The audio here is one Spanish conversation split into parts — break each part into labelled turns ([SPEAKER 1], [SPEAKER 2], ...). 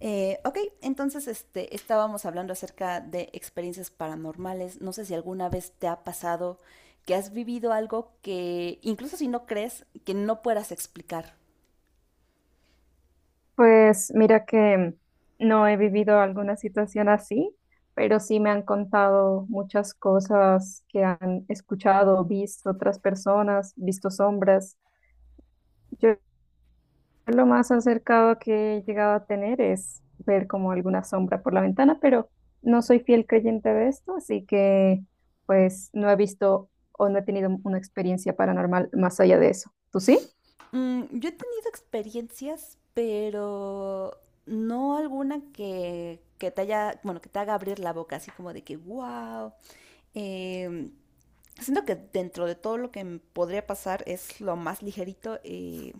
[SPEAKER 1] Ok, entonces este, estábamos hablando acerca de experiencias paranormales. No sé si alguna vez te ha pasado que has vivido algo que, incluso si no crees, que no puedas explicar.
[SPEAKER 2] Pues mira que no he vivido alguna situación así, pero sí me han contado muchas cosas que han escuchado, visto otras personas, visto sombras. Yo lo más acercado que he llegado a tener es ver como alguna sombra por la ventana, pero no soy fiel creyente de esto, así que pues no he visto o no he tenido una experiencia paranormal más allá de eso. ¿Tú sí?
[SPEAKER 1] Mm, yo he tenido experiencias, pero no alguna que, te haya, bueno, que te haga abrir la boca, así como de que, wow. Siento que dentro de todo lo que me podría pasar es lo más ligerito.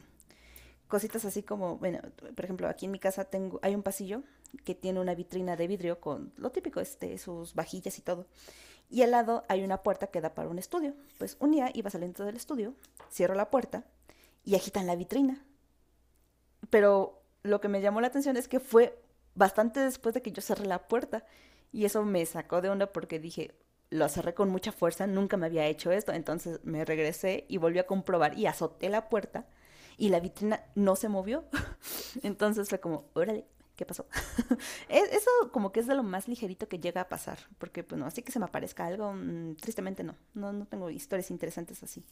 [SPEAKER 1] Cositas así como, bueno, por ejemplo, aquí en mi casa tengo, hay un pasillo que tiene una vitrina de vidrio con lo típico, este, sus vajillas y todo. Y al lado hay una puerta que da para un estudio. Pues un día iba saliendo del estudio, cierro la puerta y agitan la vitrina. Pero lo que me llamó la atención es que fue bastante después de que yo cerré la puerta. Y eso me sacó de onda porque dije, lo cerré con mucha fuerza, nunca me había hecho esto. Entonces me regresé y volví a comprobar y azoté la puerta y la vitrina no se movió. Entonces fue como, órale, ¿qué pasó? Eso como que es de lo más ligerito que llega a pasar, porque pues no así que se me aparezca algo, tristemente no, no, no tengo historias interesantes así.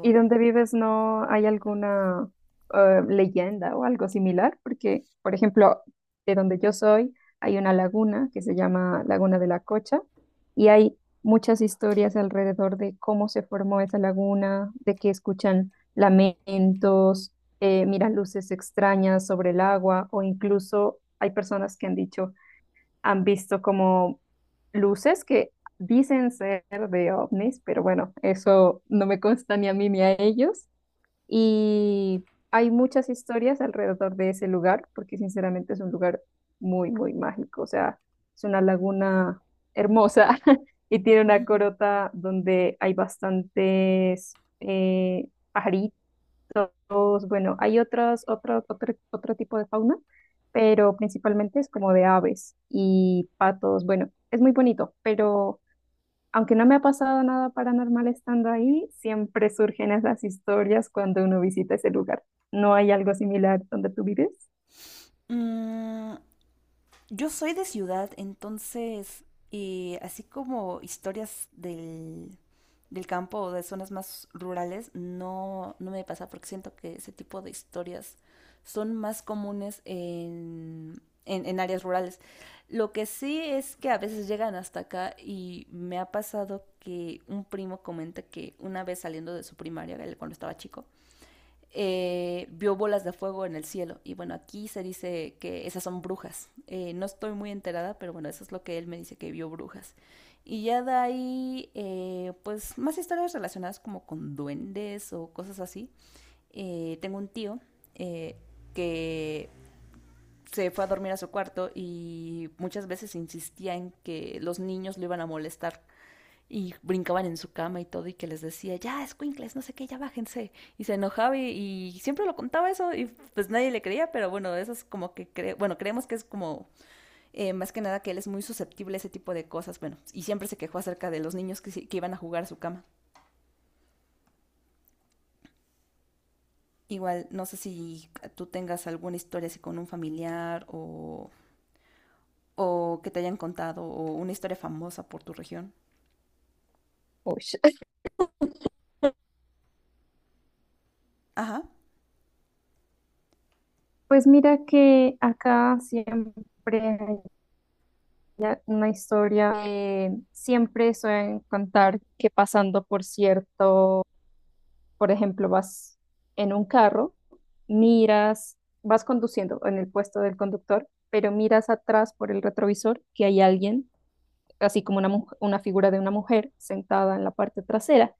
[SPEAKER 2] ¿Y donde vives no hay alguna leyenda o algo similar? Porque, por ejemplo, de donde yo soy hay una laguna que se llama Laguna de la Cocha y hay muchas historias alrededor de cómo se formó esa laguna, de que escuchan lamentos, miran luces extrañas sobre el agua o incluso hay personas que han dicho han visto como luces que dicen ser de ovnis, pero bueno, eso no me consta ni a mí ni a ellos. Y hay muchas historias alrededor de ese lugar, porque sinceramente es un lugar muy, muy mágico. O sea, es una laguna hermosa y tiene una corota donde hay bastantes pajaritos, bueno, hay otro tipo de fauna, pero principalmente es como de aves y patos. Bueno, es muy bonito, pero aunque no me ha pasado nada paranormal estando ahí, siempre surgen esas historias cuando uno visita ese lugar. ¿No hay algo similar donde tú vives?
[SPEAKER 1] mm, yo soy de ciudad, entonces, así como historias del campo o de zonas más rurales, no, no me pasa porque siento que ese tipo de historias son más comunes en áreas rurales. Lo que sí es que a veces llegan hasta acá y me ha pasado que un primo comenta que una vez saliendo de su primaria, él cuando estaba chico, vio bolas de fuego en el cielo. Y bueno, aquí se dice que esas son brujas. No estoy muy enterada, pero bueno, eso es lo que él me dice que vio brujas. Y ya de ahí, pues más historias relacionadas como con duendes o cosas así. Tengo un tío eh, que se fue a dormir a su cuarto y muchas veces insistía en que los niños lo iban a molestar y brincaban en su cama y todo, y que les decía, ya, escuincles, no sé qué, ya bájense. Y se y siempre lo contaba eso, y pues nadie le creía, pero bueno, eso es como que, bueno, creemos que es como, más que nada que él es muy susceptible a ese tipo de cosas, bueno, y siempre se quejó acerca de los niños que, sí, que iban a jugar a su cama. Igual, no sé si tú tengas alguna historia así con un familiar o que te hayan contado, o una historia famosa por tu región.
[SPEAKER 2] Ush.
[SPEAKER 1] Ajá,
[SPEAKER 2] Pues mira que acá siempre hay ya una historia que siempre suelen contar que pasando por cierto, por ejemplo, vas en un carro, miras, vas conduciendo en el puesto del conductor, pero miras atrás por el retrovisor que hay alguien, así como una, una figura de una mujer sentada en la parte trasera.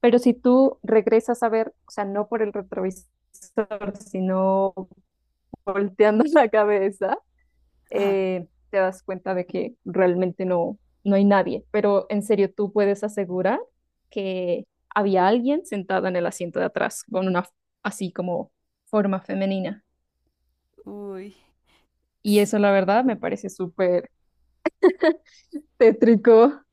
[SPEAKER 2] Pero si tú regresas a ver, o sea, no por el retrovisor, sino volteando la cabeza,
[SPEAKER 1] ajá.
[SPEAKER 2] te das cuenta de que realmente no, no hay nadie. Pero en serio, tú puedes asegurar que había alguien sentada en el asiento de atrás con una así como forma femenina.
[SPEAKER 1] Uy.
[SPEAKER 2] Y eso, la verdad, me parece súper tétrico.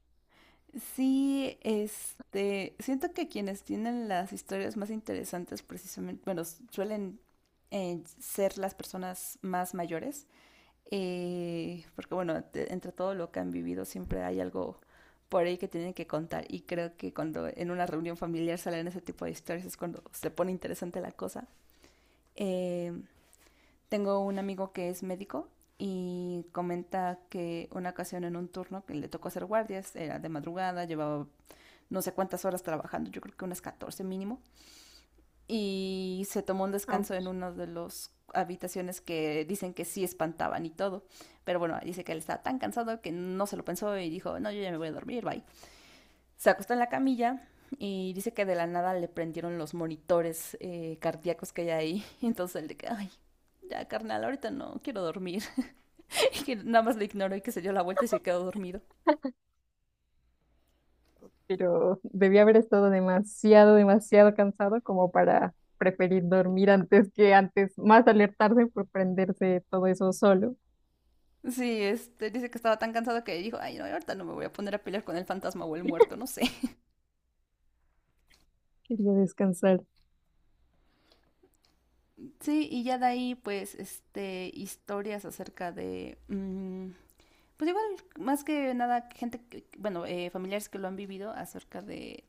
[SPEAKER 1] Sí, este, siento que quienes tienen las historias más interesantes precisamente, bueno, suelen ser las personas más mayores, porque bueno, entre todo lo que han vivido siempre hay algo por ahí que tienen que contar y creo que cuando en una reunión familiar salen ese tipo de historias es cuando se pone interesante la cosa. Eh, tengo un amigo que es médico y comenta que una ocasión en un turno que le tocó hacer guardias, era de madrugada, llevaba no sé cuántas horas trabajando, yo creo que unas 14 mínimo. Y se tomó un
[SPEAKER 2] Au.
[SPEAKER 1] descanso en una de las habitaciones que dicen que sí espantaban y todo. Pero bueno, dice que él estaba tan cansado que no se lo pensó y dijo, no, yo ya me voy a dormir, bye. Se acostó en la camilla y dice que de la nada le prendieron los monitores cardíacos que hay ahí. Entonces él de que, ay, ya carnal, ahorita no quiero dormir. Y que nada más le ignoró y que se dio la vuelta y se quedó dormido.
[SPEAKER 2] Pero debí haber estado demasiado, demasiado cansado como para preferir dormir antes que antes, más alertarse por prenderse todo eso solo.
[SPEAKER 1] Sí, este, dice que estaba tan cansado que dijo, ay, no, ahorita no me voy a poner a pelear con el fantasma o el muerto, no sé.
[SPEAKER 2] Quería descansar.
[SPEAKER 1] Sí, y ya de ahí, pues, este, historias acerca de, mm, pues igual, más que nada, gente, bueno, familiares que lo han vivido acerca de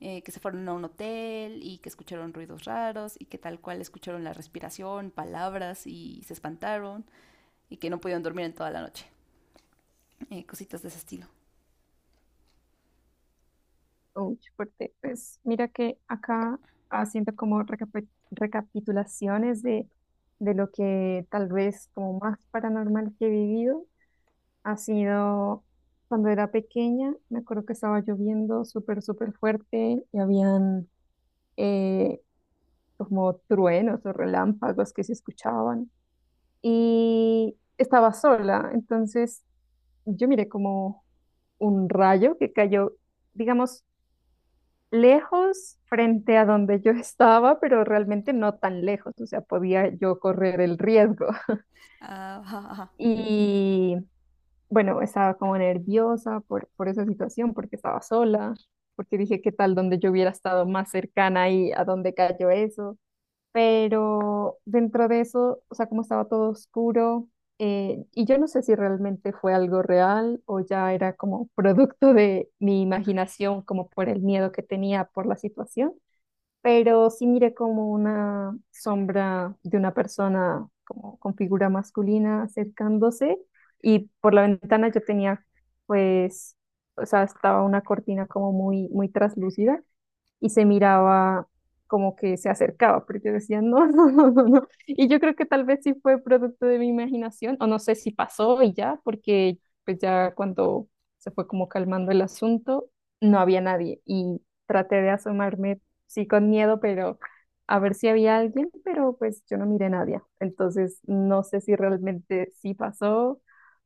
[SPEAKER 1] que se fueron a un hotel y que escucharon ruidos raros y que tal cual escucharon la respiración, palabras y se espantaron y que no pudieron dormir en toda la noche. Cositas de ese estilo.
[SPEAKER 2] Uy, fuerte. Pues mira que acá haciendo como recapitulaciones de lo que tal vez como más paranormal que he vivido ha sido cuando era pequeña, me acuerdo que estaba lloviendo súper, súper fuerte y habían eh, como truenos o relámpagos que se escuchaban y estaba sola, entonces yo miré como un rayo que cayó, digamos, lejos frente a donde yo estaba, pero realmente no tan lejos, o sea, podía yo correr el riesgo.
[SPEAKER 1] Ah, ajá, ajá.
[SPEAKER 2] Y bueno, estaba como nerviosa por esa situación, porque estaba sola, porque dije, ¿qué tal donde yo hubiera estado más cercana y a dónde cayó eso? Pero dentro de eso, o sea, como estaba todo oscuro, y yo no sé si realmente fue algo real o ya era como producto de mi imaginación, como por el miedo que tenía por la situación, pero sí miré como una sombra de una persona como con figura masculina acercándose y por la ventana yo tenía pues, o sea, estaba una cortina como muy, muy traslúcida y se miraba como que se acercaba, pero yo decía, no, no, no, no, no. Y yo creo que tal vez sí fue producto de mi imaginación, o no sé si pasó y ya, porque pues ya cuando se fue como calmando el asunto, no había nadie y traté de asomarme, sí, con miedo, pero a ver si había alguien, pero pues yo no miré a nadie. Entonces, no sé si realmente sí pasó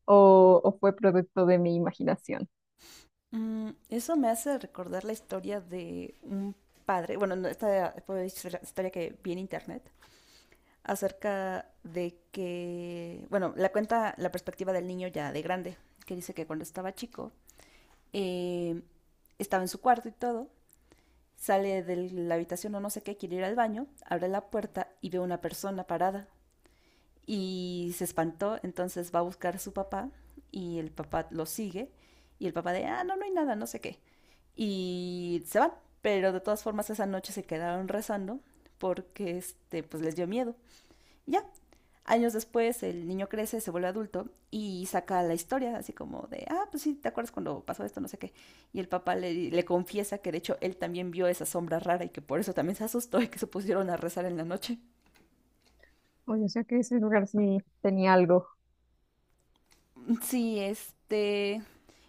[SPEAKER 2] o fue producto de mi imaginación.
[SPEAKER 1] Mm, eso me hace recordar la historia de un padre, bueno, no, esta fue historia que vi en internet, acerca de que, bueno, la cuenta la perspectiva del niño ya de grande, que dice que cuando estaba chico, eh, estaba en su cuarto y todo, sale de la habitación o no sé qué, quiere ir al baño, abre la puerta y ve una persona parada y se espantó, entonces va a buscar a su papá y el papá lo sigue y el papá de, ah, no, no hay nada, no sé qué. Y se van, pero de todas formas esa noche se quedaron rezando porque este, pues les dio miedo. Ya, años después el niño crece, se vuelve adulto y saca la historia, así como de, ah, pues sí, ¿te acuerdas cuando pasó esto? No sé qué. Y el papá le confiesa que de hecho él también vio esa sombra rara y que por eso también se asustó y que se pusieron a rezar en la noche.
[SPEAKER 2] Oye, o sea que ese lugar sí tenía algo.
[SPEAKER 1] Sí, este,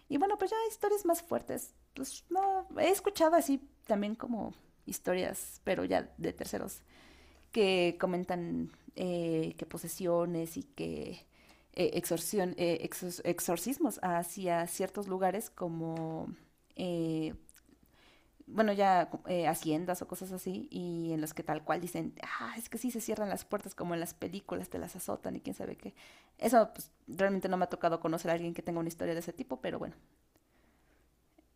[SPEAKER 1] y bueno, pues ya historias más fuertes. Pues no, he escuchado así también como historias, pero ya de terceros, que comentan que posesiones y que exorcismos hacia ciertos lugares como, eh, bueno, ya haciendas o cosas así, y en los que tal cual dicen, ah, es que sí se cierran las puertas como en las películas, te las azotan y quién sabe qué. Eso pues, realmente no me ha tocado conocer a alguien que tenga una historia de ese tipo, pero bueno,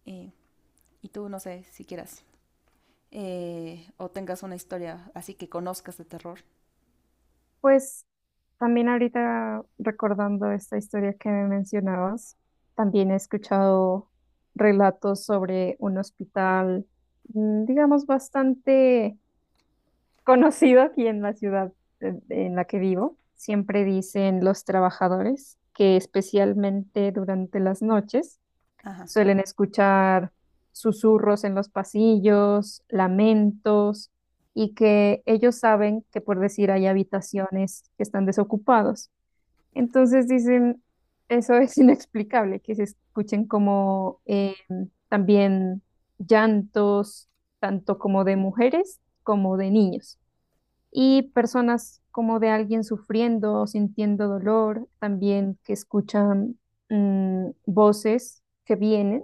[SPEAKER 1] eh, y tú, no sé, si quieras o tengas una historia así que conozcas de terror.
[SPEAKER 2] Pues también ahorita recordando esta historia que me mencionabas, también he escuchado relatos sobre un hospital, mm, digamos, bastante conocido aquí en la ciudad en la que vivo. Siempre dicen los trabajadores que especialmente durante las noches,
[SPEAKER 1] Ajá.
[SPEAKER 2] suelen escuchar susurros en los pasillos, lamentos, y que ellos saben que, por decir, hay habitaciones que están desocupados. Entonces dicen, eso es inexplicable, que se escuchen como también llantos, tanto como de mujeres como de niños y personas como de alguien sufriendo o sintiendo dolor, también que escuchan voces que vienen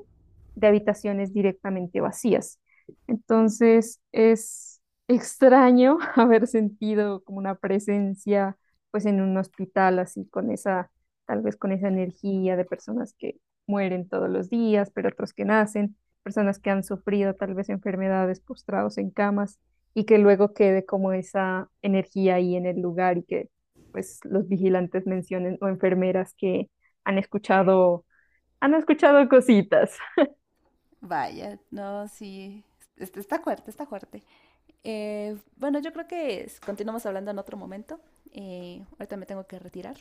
[SPEAKER 2] de habitaciones directamente vacías. Entonces es extraño haber sentido como una presencia pues en un hospital así con esa, tal vez con esa energía de personas que mueren todos los días, pero otros que nacen, personas que han sufrido tal vez enfermedades postrados en camas y que luego quede como esa energía ahí en el lugar y que pues los vigilantes mencionen o enfermeras que han escuchado, han escuchado cositas.
[SPEAKER 1] Vaya, no, sí. Este está fuerte, está fuerte. Bueno, yo creo que continuamos hablando en otro momento. Ahorita me tengo que retirar.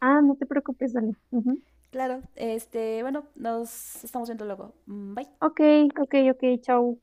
[SPEAKER 2] Ah, no te preocupes, dale. Ujú.
[SPEAKER 1] Claro, este, bueno, nos estamos viendo luego. Mm, bye.
[SPEAKER 2] Ok, ok, ok, chao.